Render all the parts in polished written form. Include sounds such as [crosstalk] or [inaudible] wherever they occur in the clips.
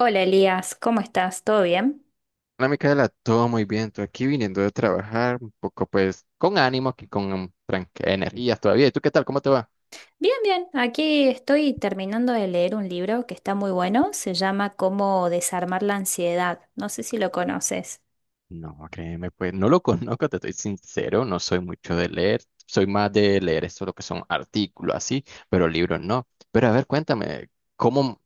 Hola Elías, ¿cómo estás? ¿Todo bien? Hola Micaela, todo muy bien. Tú aquí viniendo de trabajar un poco, pues con ánimo, aquí con energías todavía. ¿Y tú qué tal? ¿Cómo te va? Bien, bien. Aquí estoy terminando de leer un libro que está muy bueno. Se llama Cómo desarmar la ansiedad. No sé si lo conoces. No, créeme, pues no lo conozco, te estoy sincero, no soy mucho de leer, soy más de leer esto, lo que son artículos así, pero libros no. Pero a ver, cuéntame, ¿cómo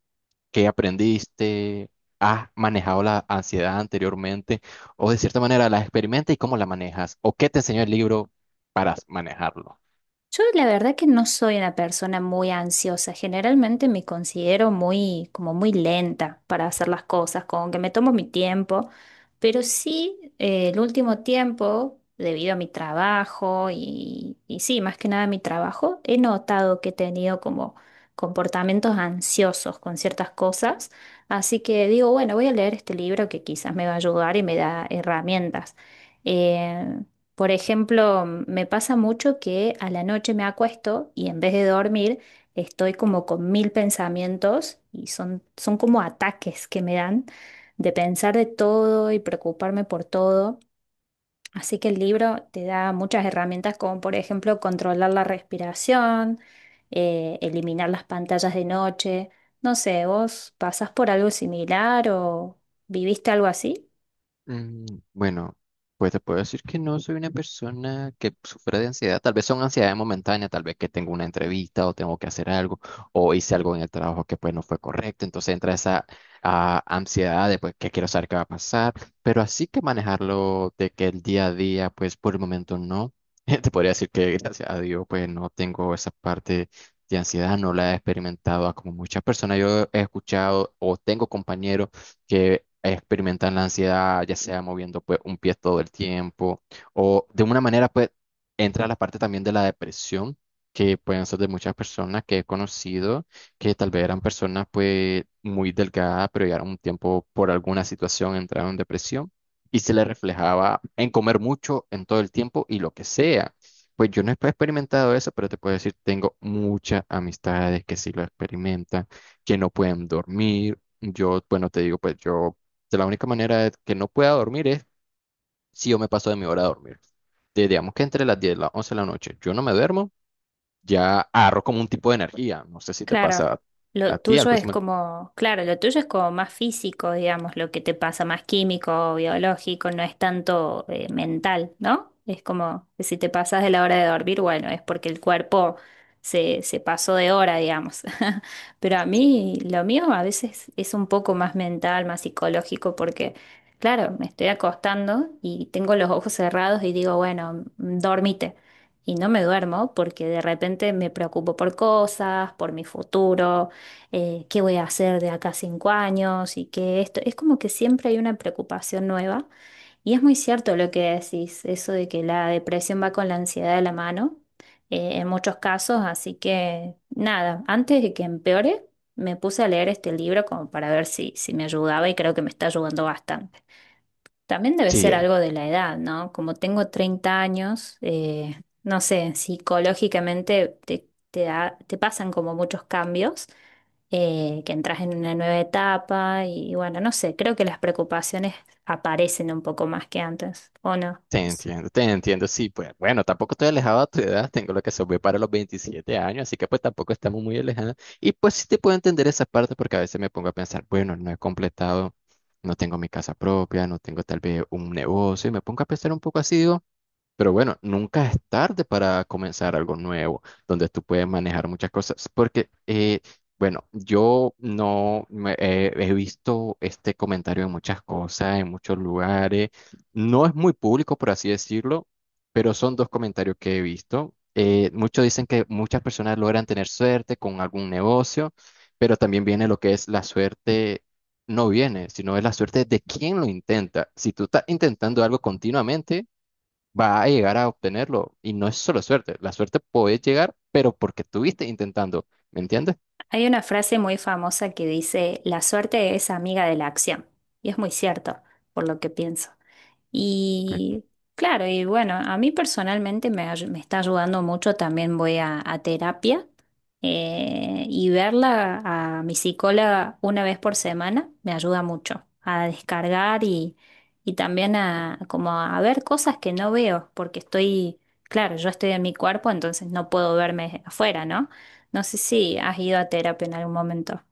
que aprendiste? ¿Has manejado la ansiedad anteriormente? ¿O de cierta manera la experimentas y cómo la manejas? ¿O qué te enseñó el libro para manejarlo? Yo la verdad que no soy una persona muy ansiosa. Generalmente me considero muy, como muy lenta para hacer las cosas, como que me tomo mi tiempo. Pero sí, el último tiempo, debido a mi trabajo y sí, más que nada mi trabajo, he notado que he tenido como comportamientos ansiosos con ciertas cosas. Así que digo, bueno, voy a leer este libro que quizás me va a ayudar y me da herramientas. Eh, por ejemplo, me pasa mucho que a la noche me acuesto y en vez de dormir estoy como con mil pensamientos y son como ataques que me dan de pensar de todo y preocuparme por todo. Así que el libro te da muchas herramientas como por ejemplo controlar la respiración, eliminar las pantallas de noche. No sé, ¿vos pasás por algo similar o viviste algo así? Mm. Bueno, pues te puedo decir que no soy una persona que sufre de ansiedad. Tal vez son ansiedades momentáneas, tal vez que tengo una entrevista o tengo que hacer algo o hice algo en el trabajo que pues no fue correcto. Entonces entra esa ansiedad de pues que quiero saber qué va a pasar. Pero así que manejarlo de que el día a día, pues por el momento no. [laughs] Te podría decir que gracias a Dios pues no tengo esa parte de ansiedad, no la he experimentado como muchas personas. Yo he escuchado o tengo compañeros que experimentan la ansiedad, ya sea moviendo pues un pie todo el tiempo o de una manera pues entra la parte también de la depresión, que pueden ser de muchas personas que he conocido, que tal vez eran personas pues muy delgadas pero llegaron un tiempo por alguna situación, entraron en depresión y se les reflejaba en comer mucho en todo el tiempo y lo que sea. Pues yo no he experimentado eso, pero te puedo decir, tengo muchas amistades que sí lo experimentan, que no pueden dormir. Yo, bueno, te digo, pues yo, de la única manera de que no pueda dormir es si yo me paso de mi hora de dormir. Digamos que entre las 10 y las 11 de la noche yo no me duermo, ya agarro como un tipo de energía. No sé si te Claro, pasa a, lo a ti tuyo algo es así. como, claro, lo tuyo es como más físico, digamos, lo que te pasa, más químico, biológico, no es tanto mental, ¿no? Es como que si te pasas de la hora de dormir, bueno, es porque el cuerpo se pasó de hora, digamos. [laughs] Pero a mí, lo mío a veces es un poco más mental, más psicológico, porque, claro, me estoy acostando y tengo los ojos cerrados y digo, bueno, dormite. Y no me duermo porque de repente me preocupo por cosas, por mi futuro, qué voy a hacer de acá a 5 años y qué esto. Es como que siempre hay una preocupación nueva. Y es muy cierto lo que decís, eso de que la depresión va con la ansiedad de la mano, en muchos casos. Así que nada, antes de que empeore, me puse a leer este libro como para ver si me ayudaba y creo que me está ayudando bastante. También debe Sí, ser algo de la edad, ¿no? Como tengo 30 años, no sé, psicológicamente te pasan como muchos cambios, que entras en una nueva etapa y bueno, no sé, creo que las preocupaciones aparecen un poco más que antes, ¿o no? te entiendo, te entiendo. Sí, pues bueno, tampoco estoy alejado a tu edad, tengo lo que se ve para los 27 años, así que pues tampoco estamos muy alejados. Y pues sí te puedo entender esa parte, porque a veces me pongo a pensar, bueno, no he completado. No tengo mi casa propia, no tengo tal vez un negocio, y me pongo a pensar un poco así, digo, pero bueno, nunca es tarde para comenzar algo nuevo, donde tú puedes manejar muchas cosas, porque, bueno, yo no me- he visto este comentario en muchas cosas, en muchos lugares. No es muy público, por así decirlo, pero son dos comentarios que he visto. Muchos dicen que muchas personas logran tener suerte con algún negocio, pero también viene lo que es la suerte. No viene, sino es la suerte de quien lo intenta. Si tú estás intentando algo continuamente, va a llegar a obtenerlo. Y no es solo suerte, la suerte puede llegar, pero porque estuviste intentando, ¿me entiendes? Hay una frase muy famosa que dice, la suerte es amiga de la acción, y es muy cierto, por lo que pienso. Y claro, y bueno, a mí personalmente me está ayudando mucho, también voy a terapia y verla a mi psicóloga una vez por semana me ayuda mucho a descargar y también a, como a ver cosas que no veo, porque estoy, claro, yo estoy en mi cuerpo, entonces no puedo verme afuera, ¿no? No sé si has ido a terapia en algún momento.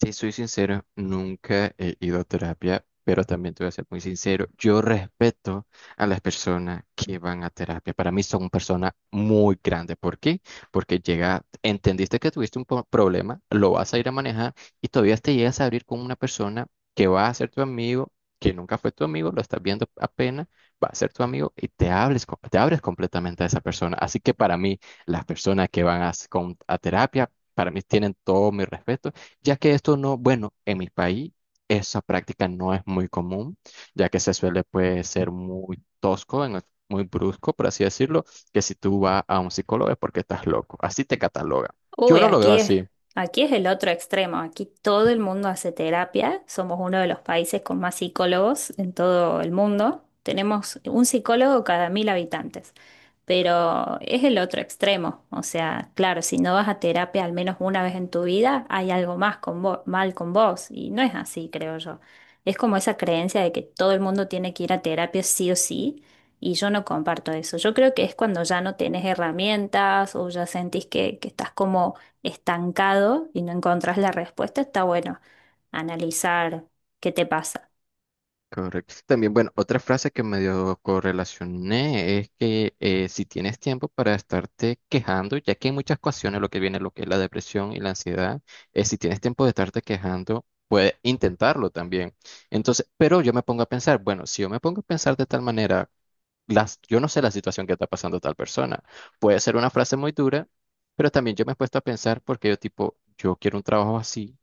Si soy sincero, nunca he ido a terapia, pero también te voy a ser muy sincero, yo respeto a las personas que van a terapia. Para mí son personas muy grandes. ¿Por qué? Porque llega, entendiste que tuviste un problema, lo vas a ir a manejar y todavía te llegas a abrir con una persona que va a ser tu amigo, que nunca fue tu amigo, lo estás viendo apenas, va a ser tu amigo y te hables, te abres completamente a esa persona. Así que para mí, las personas que van a, a terapia, para mí tienen todo mi respeto, ya que esto no, bueno, en mi país esa práctica no es muy común, ya que se suele pues ser muy tosco, en muy brusco, por así decirlo, que si tú vas a un psicólogo es porque estás loco, así te cataloga. Yo Uy, no lo veo así. aquí es el otro extremo. Aquí todo el mundo hace terapia. Somos uno de los países con más psicólogos en todo el mundo. Tenemos un psicólogo cada 1.000 habitantes. Pero es el otro extremo. O sea, claro, si no vas a terapia al menos una vez en tu vida, hay algo más mal con vos. Y no es así, creo yo. Es como esa creencia de que todo el mundo tiene que ir a terapia sí o sí. Y yo no comparto eso. Yo creo que es cuando ya no tenés herramientas o ya sentís que estás como estancado y no encontrás la respuesta. Está bueno analizar qué te pasa. Correcto. También, bueno, otra frase que medio correlacioné es que, si tienes tiempo para estarte quejando, ya que en muchas ocasiones lo que viene, lo que es la depresión y la ansiedad, es si tienes tiempo de estarte quejando, puedes intentarlo también. Entonces, pero yo me pongo a pensar, bueno, si yo me pongo a pensar de tal manera, las, yo no sé la situación que está pasando tal persona. Puede ser una frase muy dura, pero también yo me he puesto a pensar porque yo tipo, yo quiero un trabajo así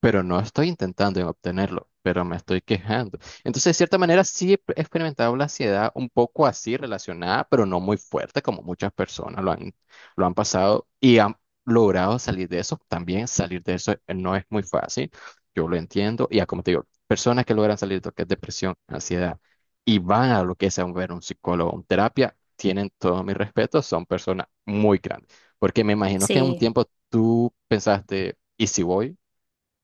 pero no estoy intentando en obtenerlo, pero me estoy quejando. Entonces, de cierta manera, sí he experimentado la ansiedad un poco así relacionada, pero no muy fuerte como muchas personas lo han pasado y han logrado salir de eso. También salir de eso, no es muy fácil, yo lo entiendo. Y ya, como te digo, personas que logran salir de lo que es depresión, ansiedad y van a lo que es a ver un psicólogo, un terapia, tienen todo mi respeto, son personas muy grandes. Porque me imagino que en un Sí. tiempo tú pensaste, ¿y si voy?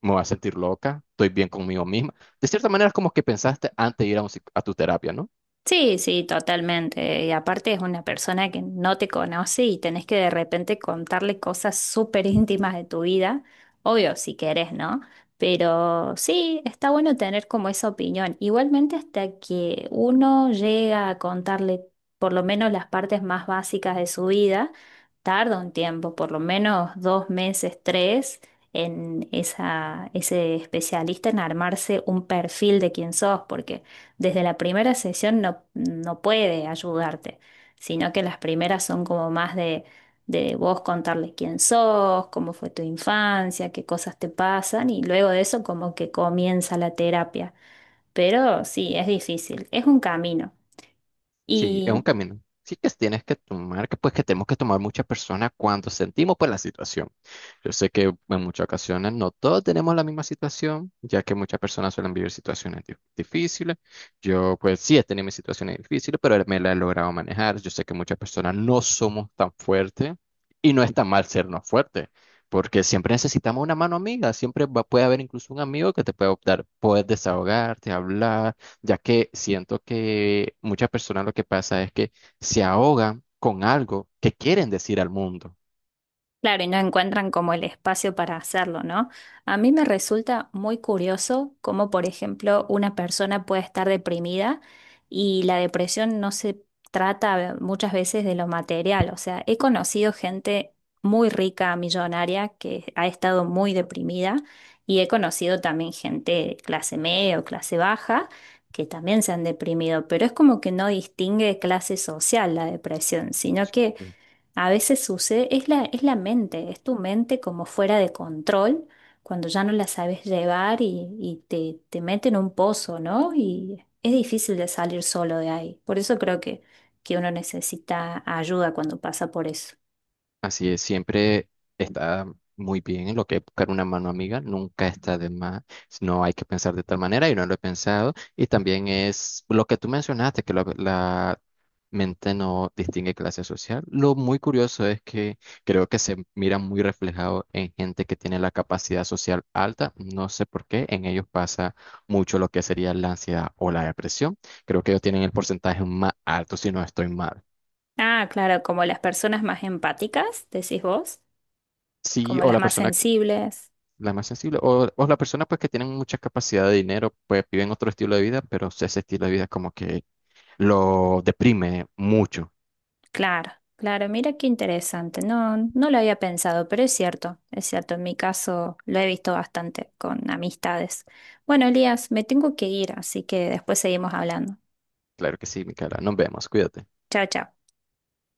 Me voy a sentir loca, estoy bien conmigo misma. De cierta manera es como que pensaste antes de ir a tu terapia, ¿no? Sí, sí, totalmente. Y aparte es una persona que no te conoce y tenés que de repente contarle cosas súper íntimas de tu vida. Obvio, si querés, ¿no? Pero sí, está bueno tener como esa opinión. Igualmente hasta que uno llega a contarle por lo menos las partes más básicas de su vida, tarda un tiempo, por lo menos 2 meses, tres, en ese especialista en armarse un perfil de quién sos, porque desde la primera sesión no puede ayudarte, sino que las primeras son como más de, vos contarle quién sos, cómo fue tu infancia, qué cosas te pasan y luego de eso como que comienza la terapia. Pero sí, es difícil, es un camino. Sí, es un Y camino. Sí que tienes que tomar, que pues que tenemos que tomar muchas personas cuando sentimos pues la situación. Yo sé que en muchas ocasiones no todos tenemos la misma situación, ya que muchas personas suelen vivir situaciones difíciles. Yo pues sí he tenido mis situaciones difíciles, pero me la he logrado manejar. Yo sé que muchas personas no somos tan fuertes, y no es tan mal sernos fuertes, porque siempre necesitamos una mano amiga. Siempre puede haber incluso un amigo que te puede dar poder desahogarte, hablar, ya que siento que muchas personas lo que pasa es que se ahogan con algo que quieren decir al mundo. claro, y no encuentran como el espacio para hacerlo, ¿no? A mí me resulta muy curioso cómo, por ejemplo, una persona puede estar deprimida y la depresión no se trata muchas veces de lo material. O sea, he conocido gente muy rica, millonaria, que ha estado muy deprimida y he conocido también gente de clase media o clase baja que también se han deprimido, pero es como que no distingue clase social la depresión, sino que... A veces sucede, es la mente, es tu mente como fuera de control, cuando ya no la sabes llevar y te mete en un pozo, ¿no? Y es difícil de salir solo de ahí. Por eso creo que uno necesita ayuda cuando pasa por eso. Así es, siempre está muy bien lo que es buscar una mano amiga, nunca está de más, no hay que pensar de tal manera y no lo he pensado. Y también es lo que tú mencionaste, que la mente no distingue clase social. Lo muy curioso es que creo que se mira muy reflejado en gente que tiene la capacidad social alta, no sé por qué, en ellos pasa mucho lo que sería la ansiedad o la depresión. Creo que ellos tienen el porcentaje más alto, si no estoy mal. Ah, claro, como las personas más empáticas, decís vos, Sí, como o las la más persona sensibles. la más sensible. O las personas pues que tienen mucha capacidad de dinero, pues viven otro estilo de vida, pero si ese estilo de vida como que lo deprime mucho. Claro, claro, mira qué interesante. no, lo había pensado, pero es cierto, es cierto. En mi caso lo he visto bastante con amistades. Bueno, Elías, me tengo que ir, así que después seguimos hablando. Claro que sí, Micaela. Nos vemos. Cuídate. Chao, chao.